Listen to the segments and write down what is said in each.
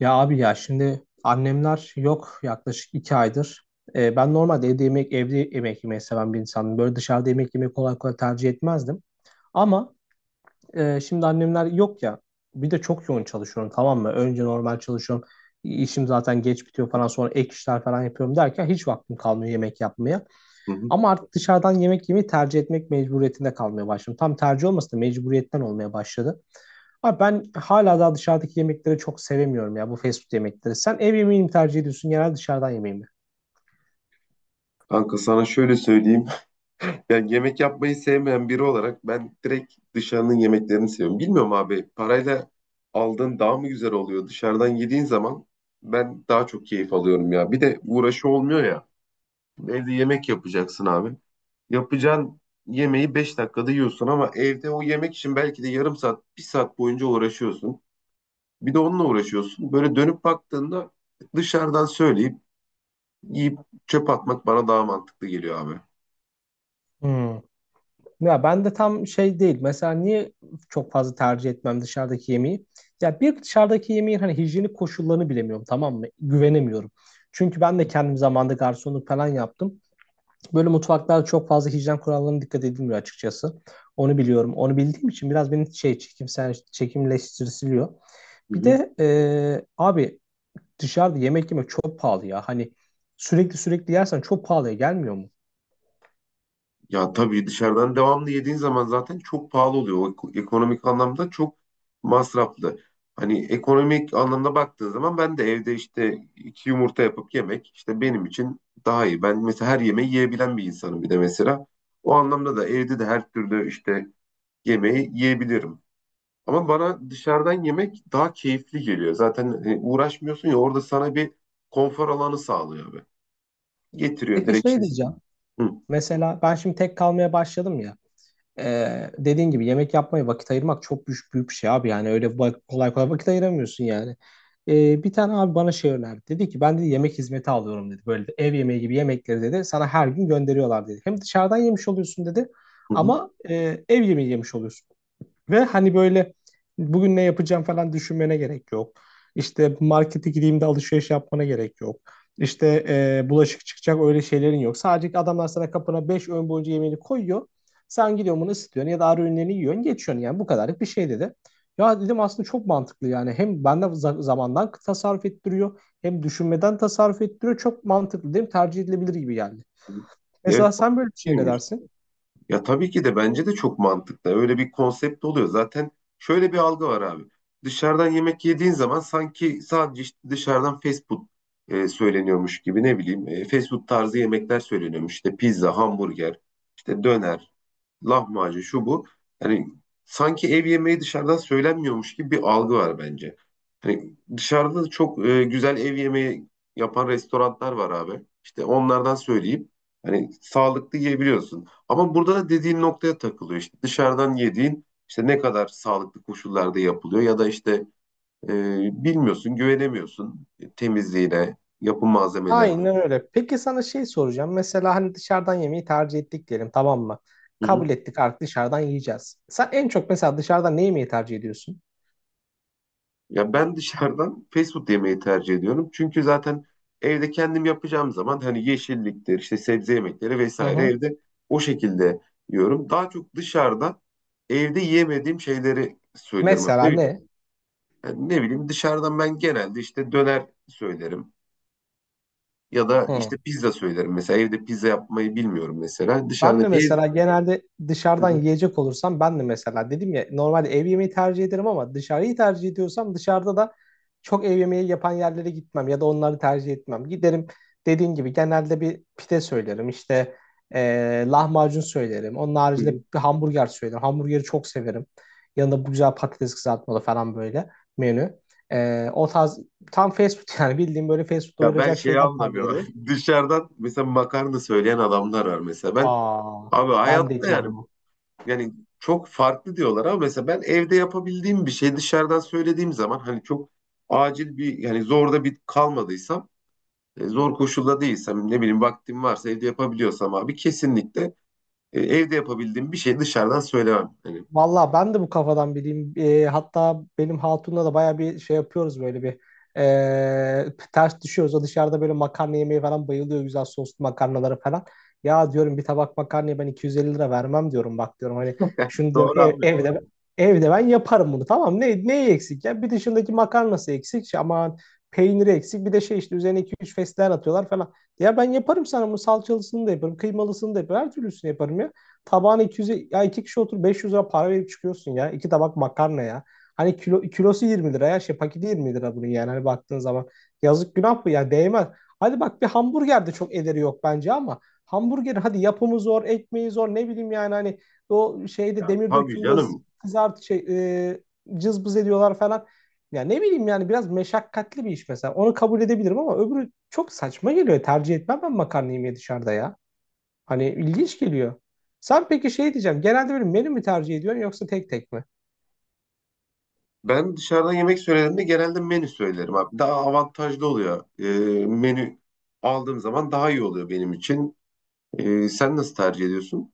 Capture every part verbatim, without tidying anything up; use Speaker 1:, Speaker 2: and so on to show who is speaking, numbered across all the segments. Speaker 1: Ya abi ya şimdi annemler yok yaklaşık iki aydır. Ee, ben normalde evde yemek evde yemek yemeyi seven bir insanım. Böyle dışarıda yemek yemeyi kolay kolay tercih etmezdim. Ama e, Şimdi annemler yok ya. Bir de çok yoğun çalışıyorum, tamam mı? Önce normal çalışıyorum. İşim zaten geç bitiyor falan, sonra ek işler falan yapıyorum derken hiç vaktim kalmıyor yemek yapmaya.
Speaker 2: Hı hı.
Speaker 1: Ama artık dışarıdan yemek yemeyi tercih etmek mecburiyetinde kalmaya başladım. Tam tercih olmasa da mecburiyetten olmaya başladı. Abi ben hala daha dışarıdaki yemekleri çok sevemiyorum ya, bu fast food yemekleri. Sen ev yemeğini mi tercih ediyorsun genelde, dışarıdan yemeği mi?
Speaker 2: Kanka sana şöyle söyleyeyim. Yani yemek yapmayı sevmeyen biri olarak ben direkt dışarının yemeklerini seviyorum. Bilmiyorum abi parayla aldığın daha mı güzel oluyor? Dışarıdan yediğin zaman ben daha çok keyif alıyorum ya. Bir de uğraşı olmuyor ya. Evde yemek yapacaksın abi. Yapacağın yemeği beş dakikada yiyorsun ama evde o yemek için belki de yarım saat, bir saat boyunca uğraşıyorsun. Bir de onunla uğraşıyorsun. Böyle dönüp baktığında dışarıdan söyleyip yiyip çöp atmak bana daha mantıklı geliyor abi.
Speaker 1: Hmm. Ya ben de tam şey değil. Mesela niye çok fazla tercih etmem dışarıdaki yemeği? Ya bir, dışarıdaki yemeğin hani hijyenik koşullarını bilemiyorum, tamam mı? Güvenemiyorum. Çünkü ben de kendim zamanında garsonluk falan yaptım. Böyle mutfaklarda çok fazla hijyen kurallarına dikkat edilmiyor açıkçası. Onu biliyorum. Onu bildiğim için biraz beni şey, çekimsel çekimleştiriliyor.
Speaker 2: Hı
Speaker 1: Bir
Speaker 2: hı.
Speaker 1: de e, abi dışarıda yemek yemek çok pahalı ya. Hani sürekli sürekli yersen çok pahalıya gelmiyor mu?
Speaker 2: Ya tabii dışarıdan devamlı yediğin zaman zaten çok pahalı oluyor. O ek- ekonomik anlamda çok masraflı. Hani ekonomik anlamda baktığın zaman ben de evde işte iki yumurta yapıp yemek işte benim için daha iyi. Ben mesela her yemeği yiyebilen bir insanım bir de mesela. O anlamda da evde de her türlü işte yemeği yiyebilirim. Ama bana dışarıdan yemek daha keyifli geliyor. Zaten e, uğraşmıyorsun ya, orada sana bir konfor alanı sağlıyor abi. Getiriyor
Speaker 1: Peki
Speaker 2: direkt
Speaker 1: şey
Speaker 2: işte.
Speaker 1: diyeceğim.
Speaker 2: Hı,
Speaker 1: Mesela ben şimdi tek kalmaya başladım ya. Ee, dediğin gibi yemek yapmaya vakit ayırmak çok büyük, büyük bir şey abi. Yani öyle bak- kolay kolay vakit ayıramıyorsun yani. Ee, bir tane abi bana şey önerdi. Dedi ki ben de yemek hizmeti alıyorum dedi. Böyle de ev yemeği gibi yemekleri dedi. Sana her gün gönderiyorlar dedi. Hem dışarıdan yemiş oluyorsun dedi.
Speaker 2: hı,
Speaker 1: Ama e, ev yemeği yemiş oluyorsun. Ve hani böyle bugün ne yapacağım falan düşünmene gerek yok. İşte markete gideyim de alışveriş yapmana gerek yok. İşte e, bulaşık çıkacak öyle şeylerin yok. Sadece adamlar sana kapına beş öğün boyunca yemeğini koyuyor. Sen gidiyorsun bunu ısıtıyorsun ya da ara öğünlerini yiyorsun geçiyorsun, yani bu kadarlık bir şey dedi. Ya dedim aslında çok mantıklı, yani hem bende za- zamandan tasarruf ettiriyor hem düşünmeden tasarruf ettiriyor. Çok mantıklı değil mi? Tercih edilebilir gibi geldi.
Speaker 2: hı.
Speaker 1: Mesela sen böyle bir şey ne
Speaker 2: Evet.
Speaker 1: dersin?
Speaker 2: Ya tabii ki de bence de çok mantıklı. Öyle bir konsept oluyor. Zaten şöyle bir algı var abi. Dışarıdan yemek yediğin zaman sanki sadece işte dışarıdan fast food e, söyleniyormuş gibi, ne bileyim e, fast food tarzı yemekler söyleniyormuş. İşte pizza, hamburger, işte döner, lahmacun şu bu. Hani sanki ev yemeği dışarıdan söylenmiyormuş gibi bir algı var bence. Hani dışarıda da çok e, güzel ev yemeği yapan restoranlar var abi. İşte onlardan söyleyip hani sağlıklı yiyebiliyorsun. Ama burada da dediğin noktaya takılıyor. İşte dışarıdan yediğin işte ne kadar sağlıklı koşullarda yapılıyor, ya da işte e, bilmiyorsun, güvenemiyorsun temizliğine, yapım malzemelerine.
Speaker 1: Aynen öyle. Peki sana şey soracağım. Mesela hani dışarıdan yemeği tercih ettik diyelim, tamam mı?
Speaker 2: Hı hı.
Speaker 1: Kabul ettik, artık dışarıdan yiyeceğiz. Sen en çok mesela dışarıdan ne yemeği tercih ediyorsun?
Speaker 2: Ya ben dışarıdan fast food yemeyi tercih ediyorum. Çünkü zaten evde kendim yapacağım zaman hani yeşilliktir, işte sebze yemekleri
Speaker 1: Hı
Speaker 2: vesaire
Speaker 1: hı.
Speaker 2: evde o şekilde yiyorum. Daha çok dışarıda evde yiyemediğim şeyleri söylüyorum. Yani
Speaker 1: Mesela
Speaker 2: Ne, bi-
Speaker 1: ne?
Speaker 2: yani ne bileyim, dışarıdan ben genelde işte döner söylerim ya da
Speaker 1: Hı.
Speaker 2: işte pizza söylerim. Mesela evde pizza yapmayı bilmiyorum mesela.
Speaker 1: Ben
Speaker 2: Dışarıda
Speaker 1: de
Speaker 2: ev.
Speaker 1: mesela genelde
Speaker 2: Hı
Speaker 1: dışarıdan
Speaker 2: hı,
Speaker 1: yiyecek olursam, ben de mesela dedim ya normalde ev yemeği tercih ederim ama dışarıyı tercih ediyorsam dışarıda da çok ev yemeği yapan yerlere gitmem ya da onları tercih etmem. Giderim, dediğin gibi genelde bir pide söylerim, işte eee, lahmacun söylerim. Onun
Speaker 2: hı
Speaker 1: haricinde
Speaker 2: hı.
Speaker 1: bir hamburger söylerim. Hamburgeri çok severim. Yanında bu güzel patates kızartmalı falan böyle menü. Eee, o tarz tam fast food yani bildiğim böyle fast food
Speaker 2: Ya ben
Speaker 1: doyuracak
Speaker 2: şeyi
Speaker 1: şeyler tercih
Speaker 2: anlamıyorum.
Speaker 1: ederim.
Speaker 2: Dışarıdan mesela makarna söyleyen adamlar var mesela. Ben
Speaker 1: Aa,
Speaker 2: abi
Speaker 1: ben de
Speaker 2: hayatta,
Speaker 1: hiç
Speaker 2: yani
Speaker 1: anlamam.
Speaker 2: yani çok farklı diyorlar, ama mesela ben evde yapabildiğim bir şey dışarıdan söylediğim zaman hani çok acil bir yani zorda bir kalmadıysam, e, zor koşulda değilsem, ne bileyim vaktim varsa evde yapabiliyorsam abi kesinlikle e, evde yapabildiğim bir şey dışarıdan söylemem. Hani
Speaker 1: Valla ben de bu kafadan biriyim. Ee, hatta benim hatunla da baya bir şey yapıyoruz, böyle bir ee, ters düşüyoruz. O dışarıda böyle makarna yemeye falan bayılıyor, güzel soslu makarnalara falan. Ya diyorum bir tabak makarnaya ben iki yüz elli lira vermem diyorum, bak diyorum hani şunu diyorum,
Speaker 2: doğru
Speaker 1: ev-
Speaker 2: abi.
Speaker 1: evde evde ben yaparım bunu, tamam, ne, neyi eksik ya bir, dışındaki makarnası eksik, şey, aman peyniri eksik, bir de şey, işte üzerine iki üç fesleğen atıyorlar falan. Ya ben yaparım sana bunu, salçalısını da yaparım, kıymalısını da yaparım, her türlüsünü yaparım ya, tabağına iki yüz, ya iki kişi otur beş yüz lira para verip çıkıyorsun ya. İki tabak makarna ya. Hani kilo, kilosu yirmi lira ya şey, paketi yirmi lira bunun, yani hani baktığın zaman. Yazık, günah bu ya, değmez. Hadi bak bir hamburger de çok ederi yok bence, ama hamburger hadi yapımı zor, ekmeği zor, ne bileyim yani hani o şeyde,
Speaker 2: Ya,
Speaker 1: demir
Speaker 2: tabii
Speaker 1: dökümde
Speaker 2: canım.
Speaker 1: kızart şey, e, cızbız ediyorlar falan. Ya ne bileyim yani biraz meşakkatli bir iş mesela. Onu kabul edebilirim, ama öbürü çok saçma geliyor. Tercih etmem ben makarna yemeği dışarıda ya. Hani ilginç geliyor. Sen peki şey diyeceğim. Genelde böyle menü mü tercih ediyorsun yoksa tek tek mi?
Speaker 2: Ben dışarıdan yemek söylediğimde genelde menü söylerim abi. Daha avantajlı oluyor. E, menü aldığım zaman daha iyi oluyor benim için. E, sen nasıl tercih ediyorsun?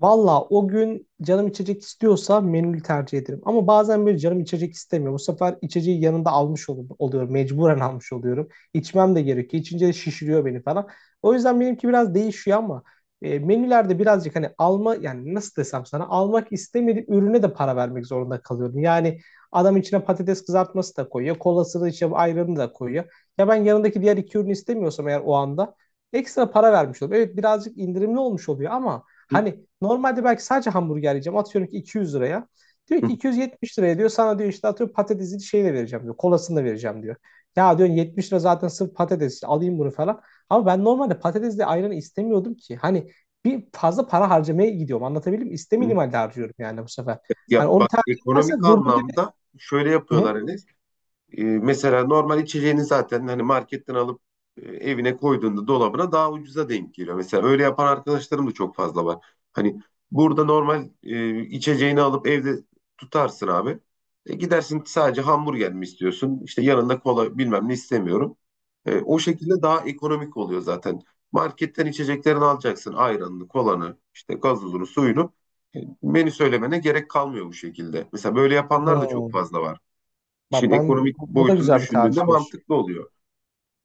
Speaker 1: Valla, o gün canım içecek istiyorsa menülü tercih ederim. Ama bazen böyle canım içecek istemiyor. Bu sefer içeceği yanında almış ol- oluyorum. Mecburen almış oluyorum. İçmem de gerekiyor. İçince de şişiriyor beni falan. O yüzden benimki biraz değişiyor, ama e, menülerde birazcık hani alma, yani nasıl desem sana, almak istemediğim ürüne de para vermek zorunda kalıyorum. Yani adam içine patates kızartması da koyuyor. Kolasını işte, ayranı da koyuyor. Ya ben yanındaki diğer iki ürünü istemiyorsam eğer o anda ekstra para vermiş oluyorum. Evet, birazcık indirimli olmuş oluyor ama hani normalde belki sadece hamburger yiyeceğim. Atıyorum ki iki yüz liraya. Diyor ki iki yüz yetmiş liraya diyor. Sana diyor işte atıyorum patatesini şeyle vereceğim diyor. Kolasını da vereceğim diyor. Ya diyorsun yetmiş lira zaten sırf patates, işte alayım bunu falan. Ama ben normalde patatesle ayranı istemiyordum ki. Hani bir fazla para harcamaya gidiyorum. Anlatabildim mi? İstemediğim halde harcıyorum yani bu sefer.
Speaker 2: Ya
Speaker 1: Hani onu
Speaker 2: bak,
Speaker 1: tercih
Speaker 2: ekonomik
Speaker 1: edersen durdur gibi.
Speaker 2: anlamda şöyle
Speaker 1: Hı hı.
Speaker 2: yapıyorlar Enes. E, mesela normal içeceğini zaten hani marketten alıp e, evine koyduğunda, dolabına, daha ucuza denk geliyor. Mesela öyle yapan arkadaşlarım da çok fazla var. Hani burada normal e, içeceğini alıp evde tutarsın abi. E, gidersin, sadece hamburger mi istiyorsun? İşte yanında kola bilmem ne istemiyorum. E, o şekilde daha ekonomik oluyor zaten. Marketten içeceklerini alacaksın. Ayranını, kolanı, işte gazozunu, suyunu. E, menü söylemene gerek kalmıyor bu şekilde. Mesela böyle yapanlar da çok
Speaker 1: Hmm.
Speaker 2: fazla var. İşin
Speaker 1: Bak ben
Speaker 2: ekonomik
Speaker 1: bu, bu da
Speaker 2: boyutunu
Speaker 1: güzel bir
Speaker 2: düşündüğünde
Speaker 1: tercihmiş.
Speaker 2: mantıklı oluyor.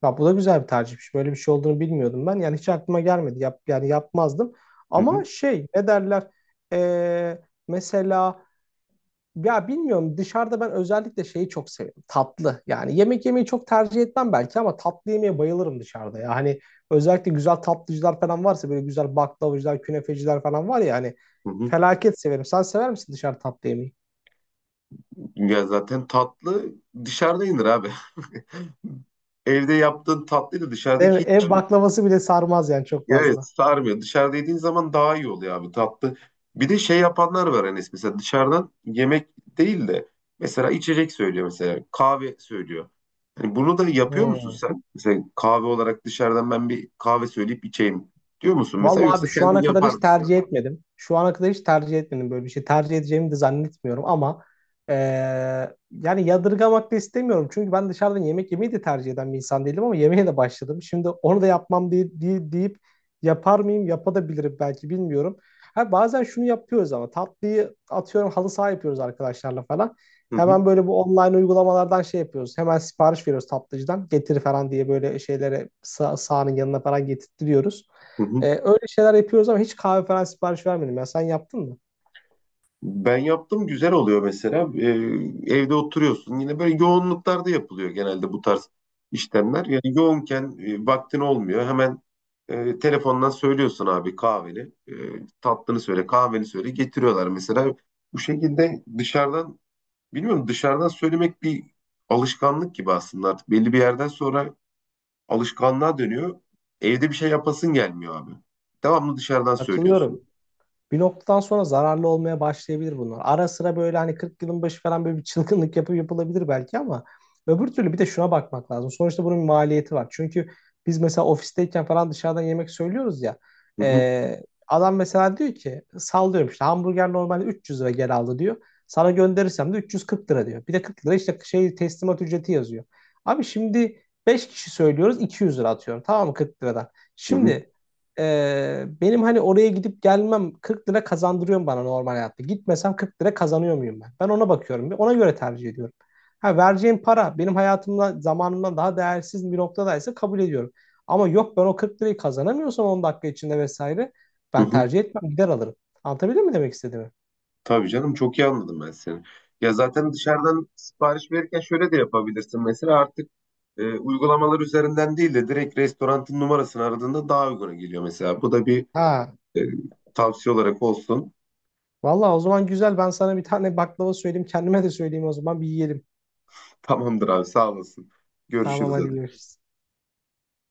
Speaker 1: Ya bu da güzel bir tercihmiş. Böyle bir şey olduğunu bilmiyordum ben. Yani hiç aklıma gelmedi. Yap, yani yapmazdım.
Speaker 2: Hı hı,
Speaker 1: Ama şey ne derler? Ee, Mesela ya bilmiyorum, dışarıda ben özellikle şeyi çok seviyorum. Tatlı. Yani yemek yemeyi çok tercih etmem belki ama tatlı yemeye bayılırım dışarıda. Ya hani özellikle güzel tatlıcılar falan varsa, böyle güzel baklavacılar, künefeciler falan var ya hani,
Speaker 2: hı hı.
Speaker 1: felaket severim. Sen sever misin dışarı tatlı yemeyi?
Speaker 2: Ya zaten tatlı dışarıda yenir abi. Evde yaptığın tatlıyla
Speaker 1: Değil
Speaker 2: dışarıdaki
Speaker 1: mi?
Speaker 2: hiç,
Speaker 1: Ev baklavası bile sarmaz yani çok
Speaker 2: ya evet,
Speaker 1: fazla.
Speaker 2: sarmıyor. Dışarıda yediğin zaman daha iyi oluyor abi tatlı. Bir de şey yapanlar var Enes, mesela dışarıdan yemek değil de mesela içecek söylüyor, mesela kahve söylüyor. Hani bunu da yapıyor musun
Speaker 1: Hmm.
Speaker 2: sen? Mesela kahve olarak dışarıdan ben bir kahve söyleyip içeyim diyor musun mesela,
Speaker 1: Vallahi abi
Speaker 2: yoksa
Speaker 1: şu
Speaker 2: kendin
Speaker 1: ana kadar
Speaker 2: yapar
Speaker 1: hiç
Speaker 2: mısın?
Speaker 1: tercih etmedim. Şu ana kadar hiç tercih etmedim böyle bir şey. Tercih edeceğimi de zannetmiyorum, ama eee, yani yadırgamak da istemiyorum. Çünkü ben dışarıdan yemek yemeyi de tercih eden bir insan değilim ama yemeğe de başladım. Şimdi onu da yapmam diye, diye- deyip yapar mıyım? Yapabilirim belki, bilmiyorum. Ha, bazen şunu yapıyoruz ama, tatlıyı atıyorum halı saha yapıyoruz arkadaşlarla falan.
Speaker 2: Hı hı,
Speaker 1: Hemen böyle bu online uygulamalardan şey yapıyoruz. Hemen sipariş veriyoruz tatlıcıdan. Getir falan diye böyle şeylere sağ, sahanın yanına falan getirtiyoruz.
Speaker 2: hı
Speaker 1: E,
Speaker 2: hı.
Speaker 1: öyle şeyler yapıyoruz ama hiç kahve falan sipariş vermedim. Ya sen yaptın mı?
Speaker 2: Ben yaptım, güzel oluyor mesela. Ee, evde oturuyorsun. Yine böyle yoğunluklarda yapılıyor genelde bu tarz işlemler. Yani yoğunken e, vaktin olmuyor. Hemen e, telefondan söylüyorsun abi kahveni. E, Tatlını söyle, kahveni söyle. Getiriyorlar mesela. Bu şekilde dışarıdan, bilmiyorum, dışarıdan söylemek bir alışkanlık gibi aslında artık. Belli bir yerden sonra alışkanlığa dönüyor. Evde bir şey yapasın gelmiyor abi. Devamlı dışarıdan söylüyorsun.
Speaker 1: Katılıyorum. Bir noktadan sonra zararlı olmaya başlayabilir bunlar. Ara sıra böyle hani kırk yılın başı falan böyle bir çılgınlık yapıp yapılabilir belki, ama öbür türlü bir de şuna bakmak lazım. Sonuçta bunun bir maliyeti var. Çünkü biz mesela ofisteyken falan dışarıdan yemek söylüyoruz ya.
Speaker 2: Hı hı,
Speaker 1: e, Adam mesela diyor ki, sallıyorum işte hamburger normalde üç yüz lira gel aldı diyor. Sana gönderirsem de üç yüz kırk lira diyor. Bir de kırk lira işte şey teslimat ücreti yazıyor. Abi şimdi beş kişi söylüyoruz iki yüz lira, atıyorum tamam mı, kırk liradan.
Speaker 2: hı hı,
Speaker 1: Şimdi ee, benim hani oraya gidip gelmem kırk lira kazandırıyor bana normal hayatta? Gitmesem kırk lira kazanıyor muyum ben? Ben ona bakıyorum, ona göre tercih ediyorum. Ha, vereceğim para benim hayatımda zamanımdan daha değersiz bir noktadaysa kabul ediyorum. Ama yok ben o kırk lirayı kazanamıyorsam on dakika içinde vesaire,
Speaker 2: hı
Speaker 1: ben
Speaker 2: hı.
Speaker 1: tercih etmem, gider alırım. Anlatabildim mi demek istediğimi?
Speaker 2: Tabii canım, çok iyi anladım ben seni. Ya zaten dışarıdan sipariş verirken şöyle de yapabilirsin. Mesela artık e, uygulamalar üzerinden değil de direkt restoranın numarasını aradığında daha uyguna geliyor mesela. Bu da bir
Speaker 1: Ha,
Speaker 2: e, tavsiye olarak olsun.
Speaker 1: vallahi o zaman güzel, ben sana bir tane baklava söyleyeyim, kendime de söyleyeyim, o zaman bir yiyelim.
Speaker 2: Tamamdır abi sağ olasın.
Speaker 1: Tamam,
Speaker 2: Görüşürüz
Speaker 1: hadi
Speaker 2: hadi.
Speaker 1: görüşürüz.